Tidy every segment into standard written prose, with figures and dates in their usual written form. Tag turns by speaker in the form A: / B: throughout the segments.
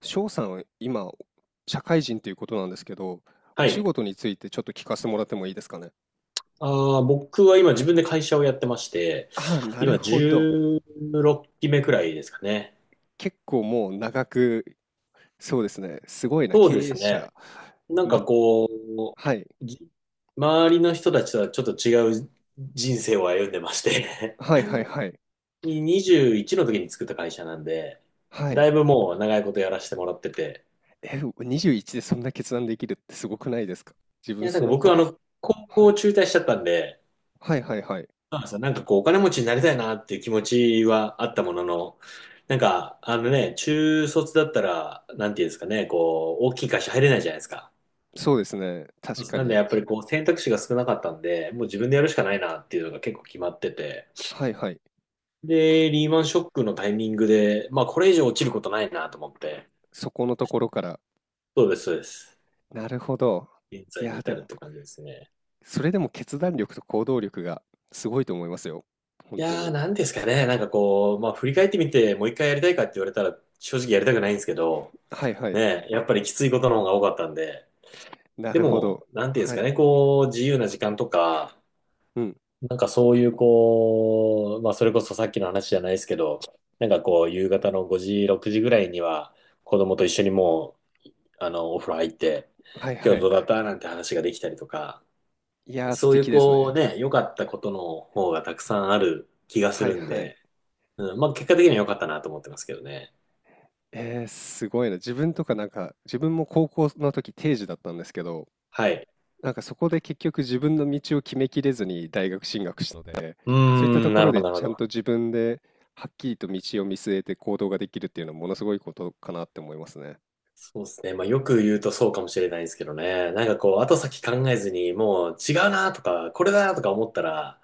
A: 翔さんは今、社会人ということなんですけど、
B: は
A: お仕
B: い。
A: 事についてちょっと聞かせてもらってもいいですかね。
B: 僕は今自分で会社をやってまして、
A: ああ、なる
B: 今
A: ほど。
B: 16期目くらいですかね。
A: 結構もう長く、そうですね。すごいな、
B: そうで
A: 経営
B: すね。
A: 者。
B: なん
A: ま、
B: かこう、
A: はい。
B: じ周りの人たちとはちょっと違う人生を歩んでまして、
A: はいはいはい。
B: 21 の時に作った会社なんで、
A: は
B: だ
A: い。
B: いぶもう長いことやらせてもらってて。
A: え、21でそんな決断できるってすごくないですか、自
B: い
A: 分
B: や、な
A: そ
B: んか
A: の
B: 僕は
A: 頃。
B: 高
A: はい。
B: 校中退しちゃったんで、
A: はいはいはい。
B: そうなんですよ。なんかこう、お金持ちになりたいなっていう気持ちはあったものの、なんか、中卒だったら、なんていうんですかね、こう、大きい会社入れないじゃないですか。
A: そうですね。
B: そ
A: 確
B: うです
A: か
B: なんで、
A: に。
B: やっぱりこう、選択肢が少なかったんで、もう自分でやるしかないなっていうのが結構決まってて。
A: はいはい。
B: で、リーマンショックのタイミングで、まあ、これ以上落ちることないなと思って。
A: そこのところから。
B: そうです、そうです。
A: なるほど。
B: 現
A: い
B: 在に
A: や、
B: 至
A: で
B: るっ
A: も
B: て感じですね。
A: それでも決断力と行動力がすごいと思いますよ。本
B: い
A: 当
B: やー、
A: に。
B: なんですかね、なんかこう、まあ、振り返ってみて、もう一回やりたいかって言われたら、正直やりたくないんですけど、
A: はいはい。
B: ね、やっぱりきついことの方が多かったんで、
A: な
B: で
A: るほど。
B: も、なんていうんです
A: は
B: か
A: い。
B: ね、こう、自由な時間とか、
A: うん。
B: なんかそういう、こう、まあ、それこそさっきの話じゃないですけど、なんかこう、夕方の5時、6時ぐらいには、子供と一緒にもう、お風呂入って、
A: はい
B: 今
A: は
B: 日ど
A: い。
B: うだったなんて話ができたりとか、
A: いやー、素
B: そういう、
A: 敵です
B: こう、
A: ね。
B: ね、良かったことの方がたくさんある気がす
A: はい
B: るん
A: はい。
B: で、うん、まあ、結果的には良かったなと思ってますけどね。
A: えー、すごいな。自分とかなんか、自分も高校の時定時だったんですけど、
B: はい。
A: なんかそこで結局自分の道を決めきれずに大学進学したので、
B: うー
A: そういったと
B: ん、
A: こ
B: な
A: ろ
B: るほ
A: で
B: ど、なるほ
A: ちゃん
B: ど。
A: と自分ではっきりと道を見据えて行動ができるっていうのはものすごいことかなって思いますね。
B: そうですね。まあよく言うとそうかもしれないですけどね。なんかこう、後先考えずに、もう違うなとか、これだなとか思ったら、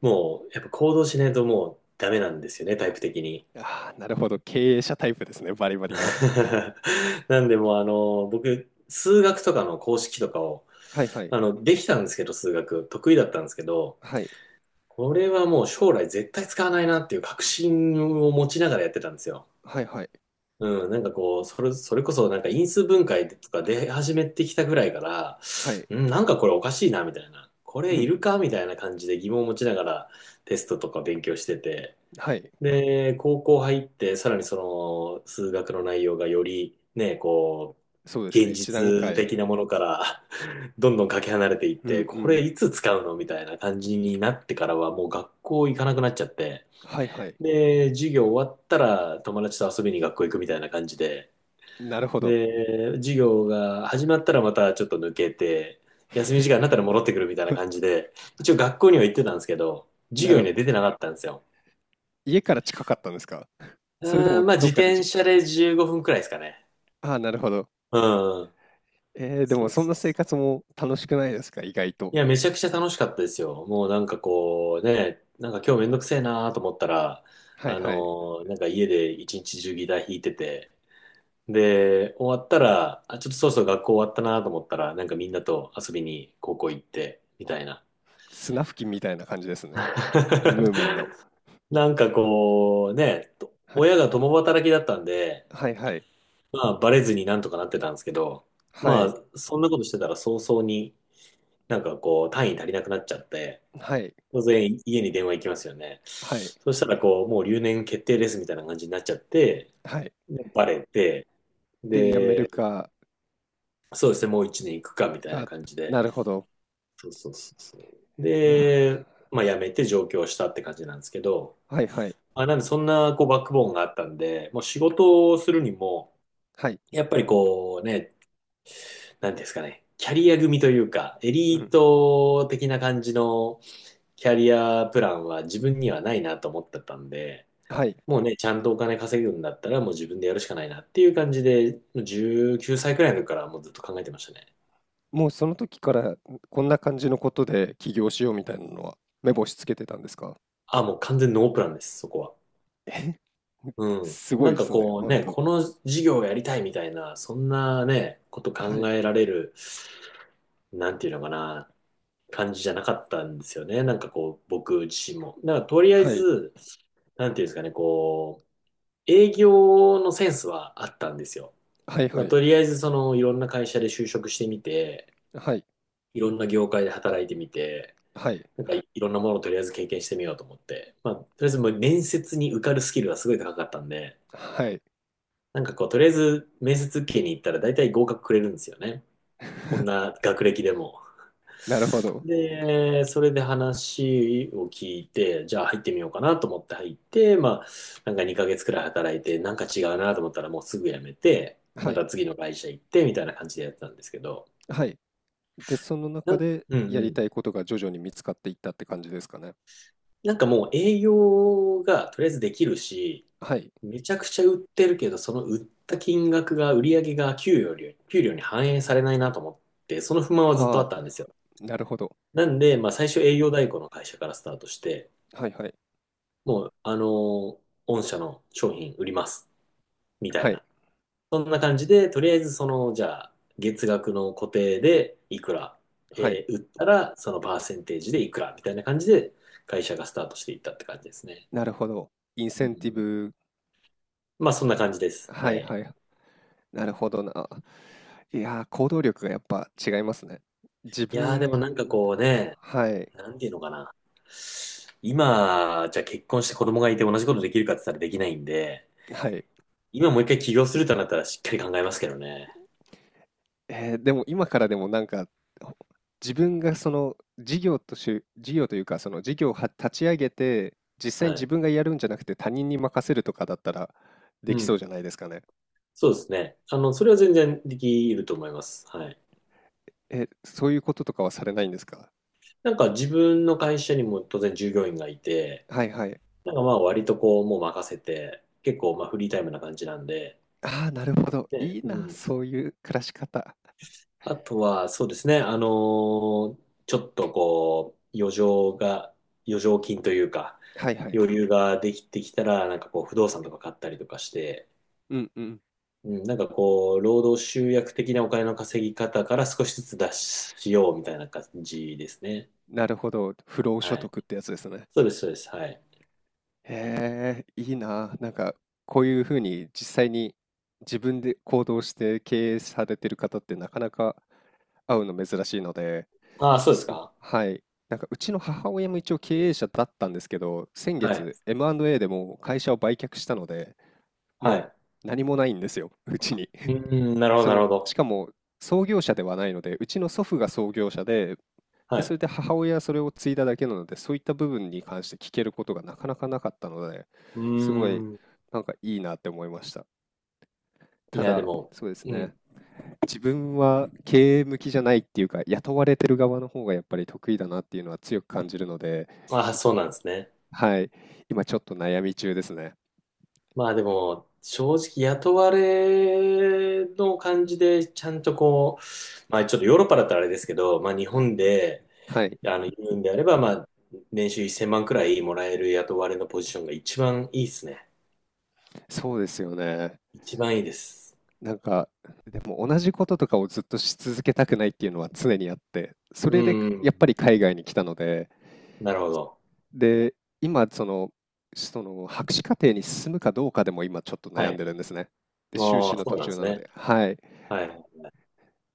B: もうやっぱ行動しないともうダメなんですよね、タイプ的に。
A: ああ、なるほど。経営者タイプですね。バリバリの。
B: なんでもう僕、数学とかの公式とかを、
A: はいはい。
B: できたんですけど、数学、得意だったんですけど、
A: はい。
B: これはもう将来絶対使わないなっていう確信を持ちながらやってたんですよ。
A: はいはい。
B: うん、なんかこう、それこそなんか因数分解とか出始めてきたぐらいから、
A: はい。
B: うん、なんかこれおかしいな、みたいな。こ
A: う
B: れい
A: ん。
B: るかみたいな感じで疑問を持ちながらテストとか勉強してて。
A: はい。
B: で、高校入って、さらにその数学の内容がよりね、こう、
A: そうですね。
B: 現
A: 一段
B: 実
A: 階。
B: 的なものから どんどんかけ離れていっ
A: う
B: て、
A: んう
B: これ
A: ん。
B: いつ使うのみたいな感じになってからはもう学校行かなくなっちゃって。
A: はいはい。
B: で、授業終わったら友達と遊びに学校行くみたいな感じで、
A: なるほど。
B: で、授業が始まったらまたちょっと抜けて、休み時間になったら戻ってくるみたいな感じで、一応学校には行ってたんですけど、授
A: な
B: 業
A: る
B: に
A: ほ
B: は出てなかったんですよ。
A: 家から近かったんですか？それと
B: うー
A: も
B: ん、まあ
A: ど
B: 自
A: っかで
B: 転
A: じ
B: 車で15分くらいですかね。
A: ああ、なるほど。
B: うん。
A: で
B: そ
A: も
B: う
A: そん
B: そ
A: な
B: う
A: 生
B: そう。
A: 活も楽しくないですか？意外と。
B: いや、めちゃくちゃ楽しかったですよ。もうなんかこうね、なんか今日めんどくせえなと思ったら、
A: はい
B: あの
A: はい。
B: なんか家で一日中ギター弾いてて、で、終わったら、あ、ちょっとそろそろ学校終わったなと思ったら、なんかみんなと遊びに高校行って、みたいな。
A: 砂吹きみたいな感じですね。ムーミンの。
B: なんかこう、ね、と
A: はい。
B: 親が共働きだったんで、
A: はいはい。
B: まあ、バレずになんとかなってたんですけど、
A: は
B: ま
A: い。
B: あ、そんなことしてたら早々になんかこう、単位足りなくなっちゃって、
A: はい。
B: 当然家に電話行きますよね。
A: はい。
B: そしたらこう、もう留年決定ですみたいな感じになっちゃって、
A: はい。
B: でバレて、
A: で、やめる
B: で、
A: か
B: そうですね、もう一年行くかみたいな
A: が
B: 感じで、
A: なるほど。
B: そうそうそうそう。
A: いや、
B: で、まあ、辞めて上京したって感じなんですけど、
A: はいはい。
B: あ、なんでそんなこうバックボーンがあったんで、もう仕事をするにも、
A: はい。
B: やっぱりこうね、なんていうんですかね、キャリア組というか、エ
A: う
B: リー
A: ん。
B: ト的な感じのキャリアプランは自分にはないなと思ってたんで、
A: はい。
B: もうね、ちゃんとお金稼ぐんだったらもう自分でやるしかないなっていう感じで、もう19歳くらいの時からもうずっと考えてましたね。
A: もうその時から、こんな感じのことで起業しようみたいなのは目星つけてたんですか？
B: あ、もう完全ノープランです、そこは。うん。
A: すご
B: な
A: い
B: ん
A: で
B: か
A: すね、
B: こう
A: ほん
B: ね、
A: と。
B: この事業をやりたいみたいな、そんなね、こと
A: は
B: 考
A: い、
B: えられるなんていうのかな、感じじゃなかったんですよね。なんかこう、僕自身も。なんからとりあえ
A: はい、
B: ず、なんていうんですかね、こう、営業のセンスはあったんですよ。
A: はい
B: だか
A: は
B: ら
A: い、
B: とりあえず、いろんな会社で就職してみて、
A: はい、
B: いろんな業界で働いてみて、
A: はい、
B: なんかいいろんなものをとりあえず経験してみようと思って、まあ、とりあえずもう面接に受かるスキルがすごい高かったんで、
A: はい。
B: なんかこう、とりあえず面接受けに行ったら大体合格くれるんですよね。こん な学歴でも。
A: なるほど。
B: で、それで話を聞いて、じゃあ入ってみようかなと思って入って、まあ、なんか2ヶ月くらい働いて、なんか違うなと思ったらもうすぐ辞めて、
A: は
B: ま
A: い、
B: た次の会社行ってみたいな感じでやってたんですけど、
A: はい。で、その
B: な
A: 中
B: ん、
A: で
B: うん
A: や
B: う
A: り
B: ん。
A: たいことが徐々に見つかっていったって感じですかね。
B: なんかもう営業がとりあえずできるし、
A: はい。
B: めちゃくちゃ売ってるけど、その売った金額が、売り上げが給与より、給料に反映されないなと思って、その不満はずっとあ
A: は
B: った
A: あ、
B: んですよ。
A: なるほど。
B: なんで、まあ最初営業代行の会社からスタートして、
A: はいはい。
B: もう、御社の商品売ります。みた
A: は
B: い
A: い。
B: な。そんな感じで、とりあえず、じゃあ、月額の固定でいくら、
A: はい。
B: 売ったら、そのパーセンテージでいくら、みたいな感じで、会社がスタートしていったって感じですね。
A: なるほど。イン
B: う
A: セ
B: ん
A: ンティ
B: うん
A: ブ
B: まあ、そん
A: な
B: な
A: る
B: 感じです。
A: は
B: は
A: い
B: い。
A: はいはい。なるほどな。いやー、行動力がやっぱ違いますね。自
B: いやー、でもなんか
A: 分、
B: こうね、
A: はい、
B: なんていうのかな。今、じゃあ結婚して子供がいて同じことできるかって言ったらできないんで、
A: はい。
B: 今もう一回起業するとなったらしっかり考えますけどね。
A: でも今からでもなんか、ほ自分がその事業というか、その事業をは立ち上げて、実際に
B: は
A: 自
B: い。
A: 分がやるんじゃなくて他人に任せるとかだったらで
B: う
A: き
B: ん。
A: そうじゃないですかね。
B: そうですね。それは全然できると思います。はい。
A: え、そういうこととかはされないんですか。
B: なんか自分の会社にも当然従業員がいて、
A: はいはい。
B: なんかまあ割とこうもう任せて、結構まあフリータイムな感じなんで、
A: ああ、なるほど。
B: ね、
A: いい
B: う
A: な、
B: ん。
A: そういう暮らし方。
B: あとはそうですね、ちょっとこう、余剰が、余剰金というか、
A: はいはい。
B: 余裕ができてきたら、なんかこう不動産とか買ったりとかして、
A: うんうん。
B: うん、なんかこう、労働集約的なお金の稼ぎ方から少しずつ出しようみたいな感じですね。
A: なるほど。不労所
B: はい。
A: 得ってやつですね。
B: そうです、そうです。はい。
A: へえ、いいな。なんか、こういう風に実際に自分で行動して経営されてる方ってなかなか会うの珍しいので、
B: ああ、そうですか。
A: はい。なんかうちの母親も一応経営者だったんですけど、先
B: はい。
A: 月 M&A でもう会社を売却したので、
B: は
A: も
B: い。
A: う何もないんですよ、うちに。
B: うーん、なる ほど、
A: そ
B: なる
A: の、
B: ほ
A: し
B: ど。
A: かも創業者ではないので、うちの祖父が創業者で、
B: は
A: で、それ
B: い。
A: で母親はそれを継いだだけなので、そういった部分に関して聞けることがなかなかなかったので、
B: う
A: すごい
B: ーん。
A: なんかいいなって思いました。
B: い
A: た
B: や、で
A: だ、
B: も、
A: そうです
B: う
A: ね。
B: ん。
A: 自分は経営向きじゃないっていうか、雇われてる側の方がやっぱり得意だなっていうのは強く感じるので、
B: ああ、
A: 今、
B: そうなんですね。
A: はい、今ちょっと悩み中ですね。
B: まあでも、正直雇われの感じで、ちゃんとこう、まあちょっとヨーロッパだったらあれですけど、まあ日
A: は
B: 本で、
A: はい、
B: 言うんであれば、まあ、年収1000万くらいもらえる雇われのポジションが一番いいですね。
A: そうですよね。
B: 一番いいです。
A: なんか、でも同じこととかをずっとし続けたくないっていうのは常にあって、そ
B: う
A: れで
B: ー
A: やっ
B: ん。
A: ぱり海外に来たので、
B: なるほど。
A: で、今その、博士課程に進むかどうかでも今ちょっと
B: は
A: 悩んで
B: い。
A: るんですね。で、修
B: あ
A: 士
B: あ、
A: の
B: そ
A: 途
B: うなんで
A: 中
B: す
A: なの
B: ね。
A: で。はい。
B: はい。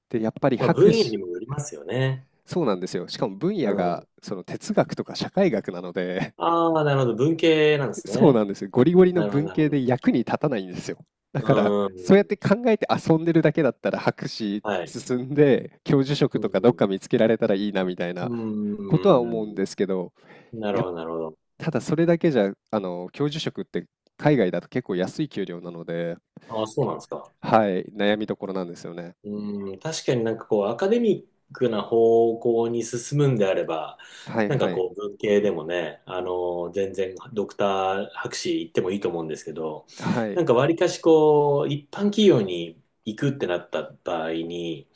A: で、やっぱり
B: まあ、分
A: 博
B: 野に
A: 士、
B: もよりますよね。
A: そうなんですよ。しかも分
B: う
A: 野が
B: ん。
A: その哲学とか社会学なので、
B: ああ、なるほど。文系なんで す
A: そうな
B: ね。
A: んですよ。ゴリゴリの
B: なるほど、
A: 文
B: なるほ
A: 系で
B: ど。
A: 役に立たないんですよ。だ
B: う
A: から、
B: ー
A: そうやっ
B: ん。
A: て考えて遊んでるだけだったら博士
B: はい。
A: 進んで、教授職
B: う
A: とかどっ
B: ん。
A: か見つけられたらいいなみたい
B: う
A: な
B: ん。う
A: ことは
B: ん。う
A: 思
B: ん
A: うんですけど、
B: うんなる
A: や
B: ほ
A: っ
B: ど、なるほど。
A: ただそれだけじゃ、教授職って海外だと結構安い給料なので、
B: ああ、そうなんですか。
A: はい、悩みどころなんですよね。
B: うん。確かになんかこう、アカデミックな方向に進むんであれば、
A: はい
B: なんか
A: はい。
B: こう、文系でもね、全然ドクター博士行ってもいいと思うんですけど、
A: はい。
B: なんか割かしこう、一般企業に行くってなった場合に、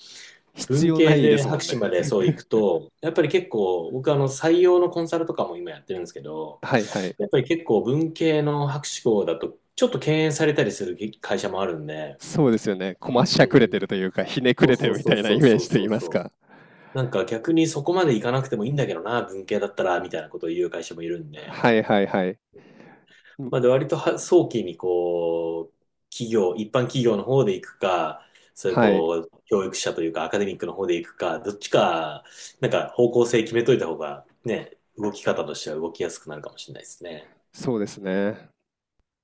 A: 必
B: 文
A: 要な
B: 系
A: いで
B: で
A: すも
B: 博
A: ん
B: 士ま
A: ね。
B: でそう行くと、やっぱり結構、僕採用のコンサルとかも今やってるんですけ ど、
A: はいはい。
B: やっぱり結構文系の博士号だと、ちょっと敬遠されたりする会社もあるんで、
A: そうですよね。
B: う
A: こ
B: ん
A: まし
B: う
A: ゃくれ
B: ん
A: て
B: うん。
A: るというか、ひねく
B: そう
A: れて
B: そ
A: る
B: う
A: みた
B: そう
A: いな
B: そ
A: イ
B: う
A: メー
B: そ
A: ジ
B: う
A: と言
B: そ
A: い
B: う
A: ます
B: そ
A: か。
B: う。なんか逆にそこまで行かなくてもいいんだけどな、文系だったら、みたいなことを言う会社もいるんで、
A: はいはいはい。うん、
B: まあ、で割とは早期にこう、企業、一般企業の方で行くか、そういう
A: はい。
B: こう、教育者というかアカデミックの方で行くか、どっちか、なんか方向性決めといた方がね、動き方としては動きやすくなるかもしれないですね。
A: そうですね。